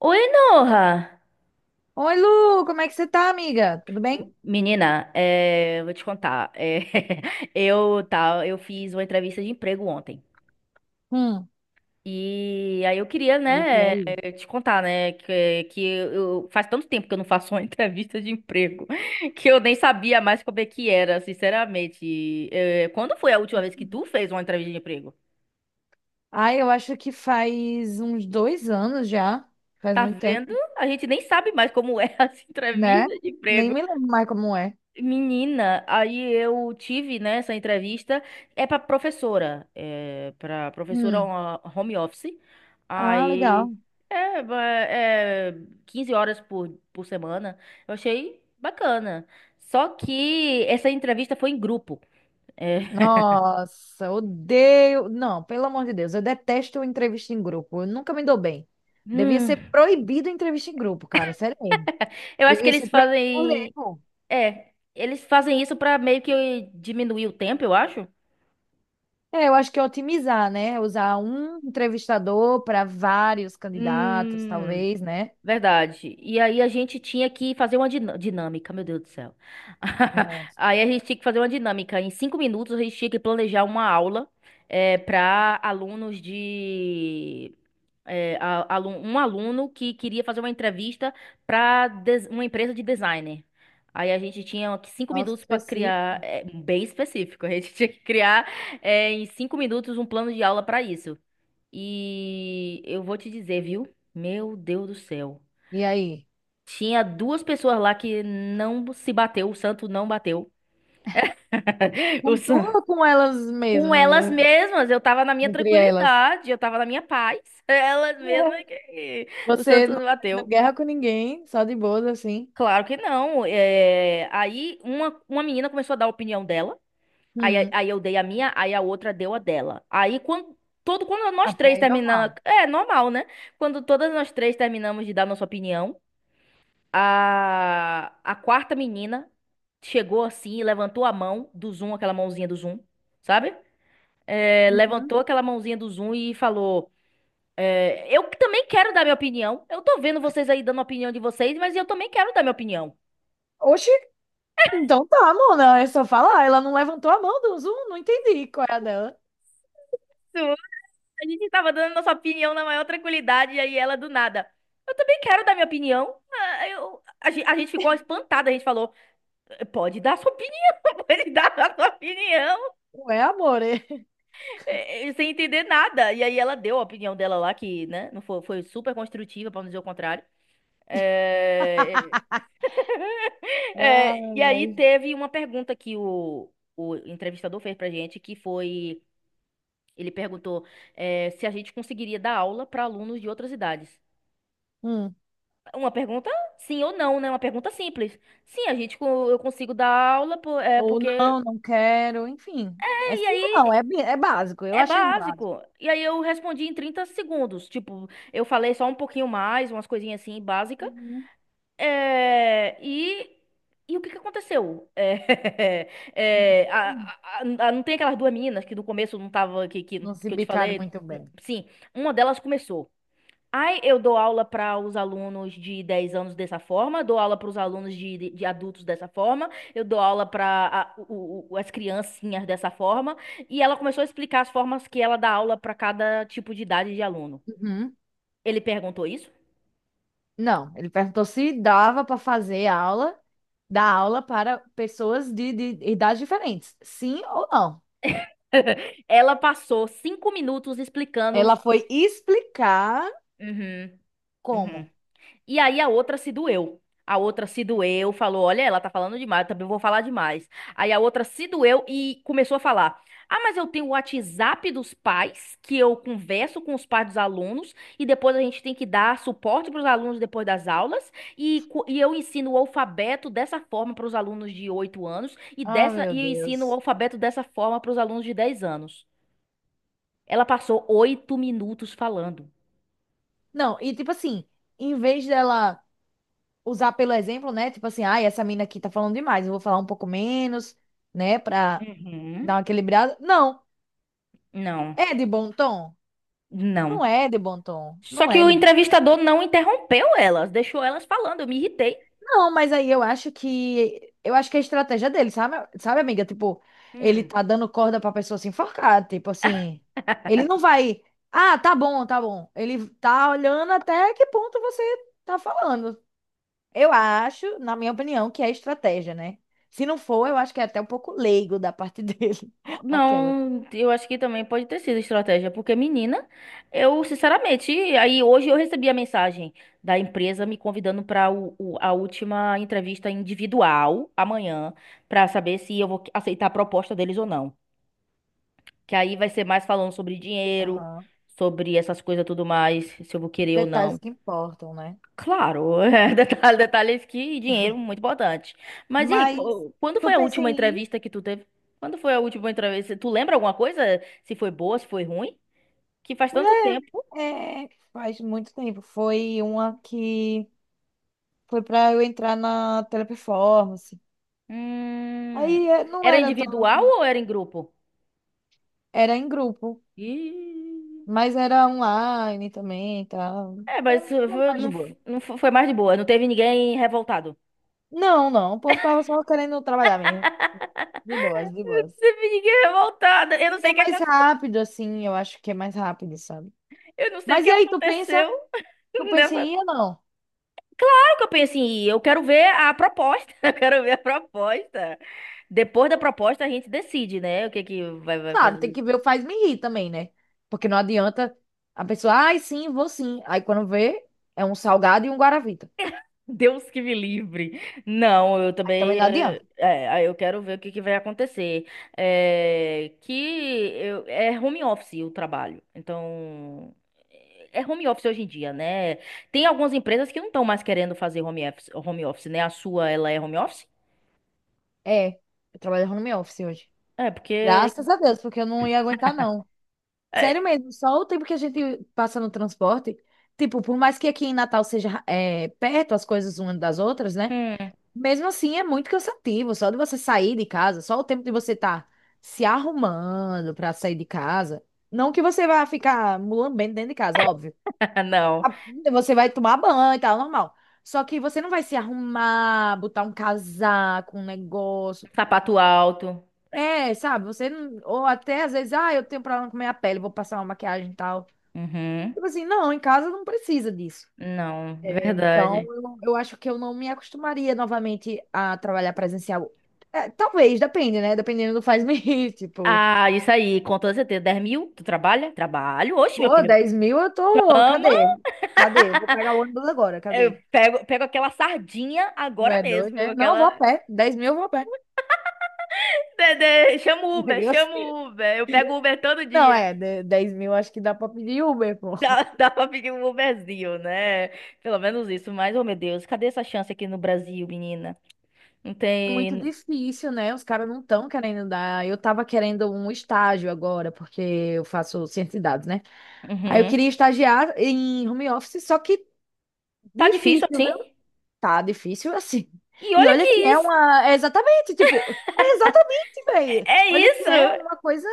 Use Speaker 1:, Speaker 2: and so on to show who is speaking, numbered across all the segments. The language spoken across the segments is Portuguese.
Speaker 1: Oi, Noha!
Speaker 2: Oi, Lu, como é que você tá, amiga? Tudo bem?
Speaker 1: Menina, eu vou te contar. Eu, tá, eu fiz uma entrevista de emprego ontem.
Speaker 2: Hum.
Speaker 1: E aí eu queria,
Speaker 2: E
Speaker 1: né,
Speaker 2: aí?
Speaker 1: te contar, né, que eu, faz tanto tempo que eu não faço uma entrevista de emprego que eu nem sabia mais como é que era, sinceramente. Quando foi a última vez que tu fez uma entrevista de emprego?
Speaker 2: Ai, eu acho que faz uns 2 anos já. Faz
Speaker 1: Tá
Speaker 2: muito
Speaker 1: vendo?
Speaker 2: tempo,
Speaker 1: A gente nem sabe mais como é as
Speaker 2: né?
Speaker 1: entrevistas de
Speaker 2: Nem
Speaker 1: emprego.
Speaker 2: me lembro mais como é.
Speaker 1: Menina, aí eu tive, né, essa entrevista, é pra professora
Speaker 2: Hum.
Speaker 1: ó, home office,
Speaker 2: Ah,
Speaker 1: aí
Speaker 2: legal.
Speaker 1: é, ba- é 15 horas por semana, eu achei bacana, só que essa entrevista foi em grupo. é.
Speaker 2: Nossa, odeio. Não, pelo amor de Deus, eu detesto entrevista em grupo. Eu nunca me dou bem. Devia
Speaker 1: Hum,
Speaker 2: ser proibido entrevista em grupo, cara, sério mesmo.
Speaker 1: eu acho que
Speaker 2: Devia
Speaker 1: eles
Speaker 2: ser proibido por lei,
Speaker 1: fazem,
Speaker 2: pô.
Speaker 1: é, eles fazem isso pra meio que diminuir o tempo, eu acho.
Speaker 2: É, eu acho que é otimizar, né? Usar um entrevistador para vários candidatos,
Speaker 1: Hum.
Speaker 2: talvez, né?
Speaker 1: Verdade. E aí a gente tinha que fazer uma dinâmica, meu Deus do céu.
Speaker 2: Nossa,
Speaker 1: Aí a gente tinha que fazer uma dinâmica. Em 5 minutos a gente tinha que planejar uma aula para alunos de. Um aluno que queria fazer uma entrevista para uma empresa de designer. Aí a gente tinha que cinco
Speaker 2: nossa, que
Speaker 1: minutos para
Speaker 2: específico.
Speaker 1: criar, bem específico, a gente tinha que criar em 5 minutos um plano de aula para isso. E eu vou te dizer, viu? Meu Deus do céu.
Speaker 2: E aí?
Speaker 1: Tinha duas pessoas lá que não se bateu, o santo não bateu. O
Speaker 2: Com
Speaker 1: san...
Speaker 2: com elas
Speaker 1: Com
Speaker 2: mesmas,
Speaker 1: elas
Speaker 2: né?
Speaker 1: mesmas, eu tava na minha
Speaker 2: Entre elas?
Speaker 1: tranquilidade, eu tava na minha paz. Elas mesmas que o
Speaker 2: Você
Speaker 1: santo
Speaker 2: não
Speaker 1: não
Speaker 2: querendo
Speaker 1: bateu.
Speaker 2: guerra com ninguém, só de boas assim.
Speaker 1: Claro que não. Aí uma menina começou a dar a opinião dela. Aí,
Speaker 2: Hum.
Speaker 1: aí eu dei a minha, aí a outra deu a dela. Aí quando nós
Speaker 2: Até
Speaker 1: três
Speaker 2: aí
Speaker 1: terminamos,
Speaker 2: normal.
Speaker 1: é normal, né? Quando todas nós três terminamos de dar nossa opinião, a quarta menina chegou assim e levantou a mão do Zoom, aquela mãozinha do Zoom, sabe?
Speaker 2: Uhum.
Speaker 1: Levantou aquela mãozinha do Zoom e falou: Eu também quero dar minha opinião. Eu tô vendo vocês aí dando a opinião de vocês, mas eu também quero dar minha opinião.
Speaker 2: Oxi, então tá, Mona. É só falar. Ela não levantou a mão do Zoom, não entendi qual é a dela.
Speaker 1: A gente tava dando nossa opinião na maior tranquilidade, e aí ela do nada. Eu também quero dar minha opinião. Ah, a gente ficou espantada, a gente falou: Pode dar sua opinião, pode dar a sua opinião.
Speaker 2: Não é amor. É?
Speaker 1: Sem entender nada. E aí ela deu a opinião dela lá, que, né, não foi, foi super construtiva, pra não dizer o contrário. É, e aí
Speaker 2: Ai.
Speaker 1: teve uma pergunta que o entrevistador fez pra gente, que foi, ele perguntou, se a gente conseguiria dar aula pra alunos de outras idades.
Speaker 2: Hum.
Speaker 1: Uma pergunta sim ou não, né? Uma pergunta simples. Sim, eu consigo dar aula,
Speaker 2: Ou
Speaker 1: porque...
Speaker 2: não, não quero, enfim. É
Speaker 1: E
Speaker 2: sim ou não,
Speaker 1: aí.
Speaker 2: é, é básico. Eu
Speaker 1: É
Speaker 2: achei básico.
Speaker 1: básico. E aí eu respondi em 30 segundos. Tipo, eu falei só um pouquinho mais, umas coisinhas assim básica.
Speaker 2: Uhum.
Speaker 1: É, E e o que que aconteceu? É, a- a- não tem aquelas duas meninas que no começo não tava que que,
Speaker 2: Não se
Speaker 1: que eu te
Speaker 2: bicaram
Speaker 1: falei?
Speaker 2: muito bem.
Speaker 1: Sim, uma delas começou. Ai, eu dou aula para os alunos de 10 anos dessa forma, dou aula para os alunos de adultos dessa forma, eu dou aula para as criancinhas dessa forma. E ela começou a explicar as formas que ela dá aula para cada tipo de idade de aluno.
Speaker 2: Uhum.
Speaker 1: Ele perguntou isso?
Speaker 2: Não, ele perguntou se dava para fazer aula, dar aula para pessoas de idades diferentes. Sim ou não?
Speaker 1: Ela passou 5 minutos explicando
Speaker 2: Ela
Speaker 1: os.
Speaker 2: foi explicar
Speaker 1: Uhum, uhum.
Speaker 2: como.
Speaker 1: E aí a outra se doeu. A outra se doeu, falou: Olha, ela tá falando demais, eu também vou falar demais. Aí a outra se doeu e começou a falar: Ah, mas eu tenho o WhatsApp dos pais, que eu converso com os pais dos alunos, e depois a gente tem que dar suporte para os alunos depois das aulas, e eu ensino o alfabeto dessa forma para os alunos de 8 anos, e,
Speaker 2: Ah,
Speaker 1: dessa,
Speaker 2: meu
Speaker 1: e eu ensino o
Speaker 2: Deus.
Speaker 1: alfabeto dessa forma para os alunos de 10 anos. Ela passou 8 minutos falando.
Speaker 2: Não, e tipo assim, em vez dela usar pelo exemplo, né? Tipo assim, ai, essa mina aqui tá falando demais, eu vou falar um pouco menos, né? Pra dar
Speaker 1: Uhum.
Speaker 2: uma equilibrada. Não,
Speaker 1: Não,
Speaker 2: é de bom tom? Não
Speaker 1: não.
Speaker 2: é de bom tom.
Speaker 1: Só
Speaker 2: Não
Speaker 1: que
Speaker 2: é
Speaker 1: o
Speaker 2: de...
Speaker 1: entrevistador não interrompeu elas, deixou elas falando, eu me irritei.
Speaker 2: Não, mas aí eu acho que é a estratégia dele, sabe, sabe, amiga? Tipo, ele
Speaker 1: Hum.
Speaker 2: tá dando corda pra pessoa se enforcar, tipo assim, ele não vai, ah, tá bom, tá bom. Ele tá olhando até que ponto você tá falando. Eu acho, na minha opinião, que é estratégia, né? Se não for, eu acho que é até um pouco leigo da parte dele, aquela.
Speaker 1: Não, eu acho que também pode ter sido estratégia, porque menina, eu sinceramente, aí hoje eu recebi a mensagem da empresa me convidando para a última entrevista individual amanhã, para saber se eu vou aceitar a proposta deles ou não. Que aí vai ser mais falando sobre dinheiro,
Speaker 2: Aham.
Speaker 1: sobre essas coisas tudo mais, se eu vou
Speaker 2: Os
Speaker 1: querer ou
Speaker 2: detalhes
Speaker 1: não.
Speaker 2: que importam, né?
Speaker 1: Claro, detalhes que dinheiro muito importante. Mas e aí,
Speaker 2: Mas
Speaker 1: quando
Speaker 2: tu
Speaker 1: foi a
Speaker 2: pensa
Speaker 1: última
Speaker 2: em ir?
Speaker 1: entrevista que tu teve? Quando foi a última entrevista? Tu lembra alguma coisa? Se foi boa, se foi ruim? Que faz tanto
Speaker 2: Mulher,
Speaker 1: tempo.
Speaker 2: é, faz muito tempo. Foi uma que... Foi pra eu entrar na teleperformance.
Speaker 1: Hum.
Speaker 2: Aí é, não
Speaker 1: Era
Speaker 2: era tão.
Speaker 1: individual ou era em grupo?
Speaker 2: Era em grupo,
Speaker 1: Ih,
Speaker 2: mas era online também e tal. Era
Speaker 1: mas
Speaker 2: mais de
Speaker 1: não,
Speaker 2: boa.
Speaker 1: não foi mais de boa. Não teve ninguém revoltado.
Speaker 2: Não, não. O povo tava só querendo trabalhar mesmo. De boas, de
Speaker 1: Não
Speaker 2: boas.
Speaker 1: teve ninguém revoltado. Eu não
Speaker 2: E
Speaker 1: sei
Speaker 2: é
Speaker 1: o que,
Speaker 2: mais rápido, assim, eu acho que é mais rápido, sabe? Mas e aí, tu pensa,
Speaker 1: aconteceu
Speaker 2: tu pensa
Speaker 1: nessa.
Speaker 2: em ir ou não?
Speaker 1: Que eu penso assim Eu quero ver a proposta. Eu quero ver a proposta. Depois da proposta, a gente decide, né? O que que vai
Speaker 2: Claro, tem
Speaker 1: fazer.
Speaker 2: que ver o faz-me rir também, né? Porque não adianta a pessoa, ai, sim, vou sim. Aí quando vê, é um salgado e um guaravita.
Speaker 1: Deus que me livre. Não, eu
Speaker 2: Aí também
Speaker 1: também.
Speaker 2: não
Speaker 1: eh,
Speaker 2: adianta.
Speaker 1: É, aí eu quero ver o que que vai acontecer. É, que é home office o trabalho. Então. É home office hoje em dia, né? Tem algumas empresas que não estão mais querendo fazer home office, né? A sua, ela é home office?
Speaker 2: É, eu trabalho no home office hoje.
Speaker 1: É, porque.
Speaker 2: Graças a Deus, porque eu não ia aguentar, não. Sério
Speaker 1: é,
Speaker 2: mesmo, só o tempo que a gente passa no transporte. Tipo, por mais que aqui em Natal seja perto as coisas umas das outras, né?
Speaker 1: hum,
Speaker 2: Mesmo assim, é muito cansativo. Só de você sair de casa, só o tempo de você estar se arrumando pra sair de casa. Não que você vá ficar mulambendo dentro de casa, óbvio.
Speaker 1: não.
Speaker 2: A- Você vai tomar banho e tal, normal. Só que você não vai se arrumar, botar um casaco, um negócio
Speaker 1: Sapato alto.
Speaker 2: é, sabe, você não. Ou até às vezes, ah, eu tenho problema com minha pele, vou passar uma maquiagem e tal.
Speaker 1: Uhum.
Speaker 2: Tipo assim, não, em casa não precisa disso.
Speaker 1: Não,
Speaker 2: É, então,
Speaker 1: verdade.
Speaker 2: eu acho que eu não me acostumaria novamente a trabalhar presencial. É, talvez, depende, né? Dependendo do faz-me tipo,
Speaker 1: Ah, isso aí, com toda certeza. 10 mil? Tu trabalha? Trabalho. Oxe, meu
Speaker 2: pô,
Speaker 1: filho.
Speaker 2: 10 mil eu tô.
Speaker 1: Amo.
Speaker 2: Cadê? Cadê? Eu vou pegar o ônibus agora,
Speaker 1: Eu
Speaker 2: cadê?
Speaker 1: pego aquela sardinha
Speaker 2: Não
Speaker 1: agora
Speaker 2: é doido,
Speaker 1: mesmo.
Speaker 2: né? Não, eu
Speaker 1: Aquela.
Speaker 2: vou a pé. 10 mil eu vou a pé.
Speaker 1: Dedê, chama o Uber,
Speaker 2: Eu
Speaker 1: chama
Speaker 2: sei.
Speaker 1: o Uber. Eu pego Uber todo
Speaker 2: Não,
Speaker 1: dia.
Speaker 2: é, 10 mil acho que dá pra pedir Uber, pô.
Speaker 1: Dá pra pedir um Uberzinho, né? Pelo menos isso. Mas, oh meu Deus, cadê essa chance aqui no Brasil, menina? Não
Speaker 2: Muito
Speaker 1: tem.
Speaker 2: difícil, né? Os caras não estão querendo dar. Eu tava querendo um estágio agora, porque eu faço ciência de dados, né? Aí eu
Speaker 1: Uhum.
Speaker 2: queria estagiar em home office, só que
Speaker 1: Tá difícil
Speaker 2: difícil,
Speaker 1: assim?
Speaker 2: viu? Tá difícil assim.
Speaker 1: E
Speaker 2: E
Speaker 1: olha
Speaker 2: olha
Speaker 1: que
Speaker 2: que é
Speaker 1: isso.
Speaker 2: uma. É exatamente, tipo, é exatamente, velho.
Speaker 1: É
Speaker 2: Olha que é
Speaker 1: isso!
Speaker 2: uma coisa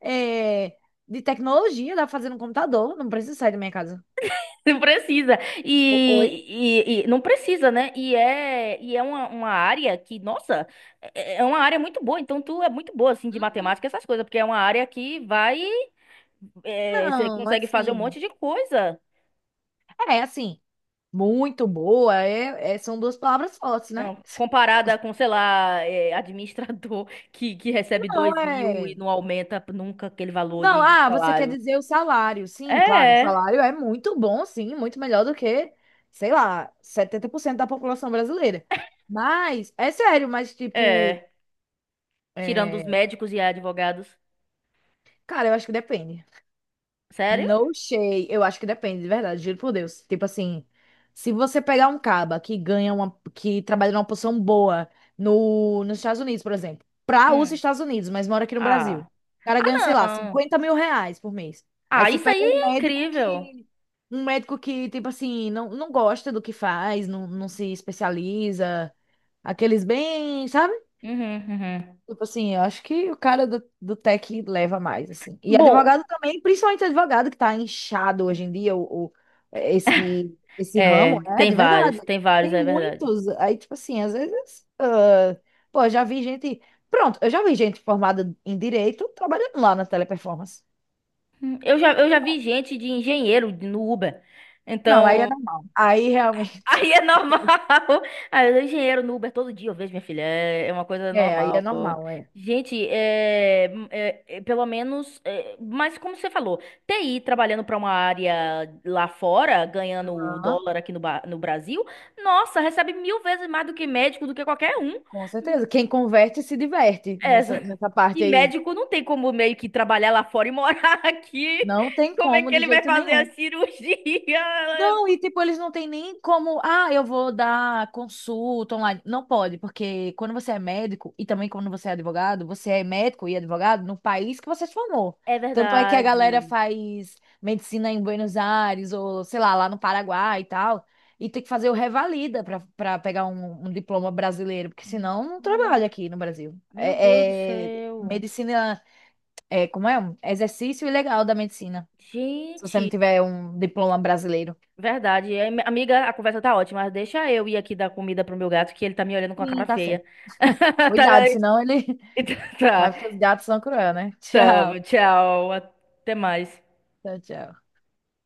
Speaker 2: é, de tecnologia, dá pra fazer no computador, não precisa sair da minha casa.
Speaker 1: Não precisa.
Speaker 2: Oi?
Speaker 1: E não precisa, né? E é uma área que, nossa, é uma área muito boa. Então, tu é muito boa, assim, de
Speaker 2: Hum.
Speaker 1: matemática, essas coisas, porque é uma área que vai. Você
Speaker 2: Não,
Speaker 1: consegue fazer um
Speaker 2: assim.
Speaker 1: monte de coisa.
Speaker 2: É, assim, muito boa, é, são duas palavras fortes, né?
Speaker 1: Não, comparada com, sei lá, administrador que recebe
Speaker 2: Não,
Speaker 1: 2 mil e
Speaker 2: é.
Speaker 1: não aumenta nunca aquele valor
Speaker 2: Não,
Speaker 1: de
Speaker 2: ah, você quer
Speaker 1: salário.
Speaker 2: dizer o salário. Sim, claro, o
Speaker 1: É,
Speaker 2: salário é muito bom, sim, muito melhor do que, sei lá, 70% da população brasileira. Mas, é sério, mas tipo,
Speaker 1: é. Tirando os
Speaker 2: é,
Speaker 1: médicos e advogados.
Speaker 2: cara, eu acho que depende.
Speaker 1: Sério?
Speaker 2: No shade. Eu acho que depende, de verdade, juro por Deus. Tipo assim, se você pegar um caba que ganha uma, que trabalha numa posição boa no, nos Estados Unidos, por exemplo, pra os
Speaker 1: Hum.
Speaker 2: Estados Unidos, mas mora aqui no Brasil, o
Speaker 1: Ah.
Speaker 2: cara ganha, sei
Speaker 1: Ah,
Speaker 2: lá,
Speaker 1: não.
Speaker 2: 50 mil reais por mês. Aí
Speaker 1: Ah,
Speaker 2: você
Speaker 1: isso aí
Speaker 2: pega
Speaker 1: é incrível.
Speaker 2: um médico que, tipo assim, não, não gosta do que faz, não, não se especializa, aqueles bem, sabe?
Speaker 1: Uhum, uhum.
Speaker 2: Tipo assim, eu acho que o cara do tech leva mais, assim. E
Speaker 1: Bom,
Speaker 2: advogado também, principalmente advogado que tá inchado hoje em dia, é, esse ramo, é, de verdade.
Speaker 1: Tem vários,
Speaker 2: Tem
Speaker 1: é verdade.
Speaker 2: muitos, aí, tipo assim, às vezes, ah, pô, já vi gente, pronto, eu já vi gente formada em direito trabalhando lá na teleperformance.
Speaker 1: Eu já vi gente de engenheiro no Uber.
Speaker 2: Não, aí é
Speaker 1: Então,
Speaker 2: normal. Aí realmente,
Speaker 1: aí é normal. Ah, eu sou engenheiro no Uber todo dia, eu vejo minha filha. É uma coisa
Speaker 2: é, aí é
Speaker 1: normal.
Speaker 2: normal, é.
Speaker 1: Gente, pelo menos. Mas como você falou, TI trabalhando para uma área lá fora, ganhando o
Speaker 2: Aham,
Speaker 1: dólar aqui no Brasil, nossa, recebe mil vezes mais do que médico, do que qualquer um.
Speaker 2: com certeza. Quem converte se diverte nessa,
Speaker 1: Essa.
Speaker 2: nessa
Speaker 1: E
Speaker 2: parte aí.
Speaker 1: médico não tem como meio que trabalhar lá fora e morar aqui.
Speaker 2: Não tem
Speaker 1: Como é
Speaker 2: como
Speaker 1: que
Speaker 2: de
Speaker 1: ele vai
Speaker 2: jeito
Speaker 1: fazer a
Speaker 2: nenhum.
Speaker 1: cirurgia?
Speaker 2: Não, e tipo, eles não têm nem como, ah, eu vou dar consulta online. Não pode, porque quando você é médico e também quando você é advogado, você é médico e advogado no país que você se formou.
Speaker 1: É
Speaker 2: Tanto é que a galera
Speaker 1: verdade.
Speaker 2: faz medicina em Buenos Aires ou, sei lá, lá no Paraguai e tal, e tem que fazer o revalida para pegar um diploma brasileiro, porque senão não
Speaker 1: Hum,
Speaker 2: trabalha aqui no Brasil.
Speaker 1: Meu Deus do
Speaker 2: é
Speaker 1: céu.
Speaker 2: medicina, é, como é? Um exercício ilegal da medicina, se você
Speaker 1: Gente,
Speaker 2: não tiver um diploma brasileiro.
Speaker 1: verdade. Amiga, a conversa tá ótima, mas deixa eu ir aqui dar comida pro meu gato, que ele tá me olhando com a cara
Speaker 2: Sim, tá
Speaker 1: feia.
Speaker 2: certo.
Speaker 1: Tá,
Speaker 2: Cuidado,
Speaker 1: bem?
Speaker 2: senão ele vai
Speaker 1: Tá,
Speaker 2: porque os gatos são cruel, né? Tchau.
Speaker 1: tá. Tchau, até mais.
Speaker 2: Tchau, tchau.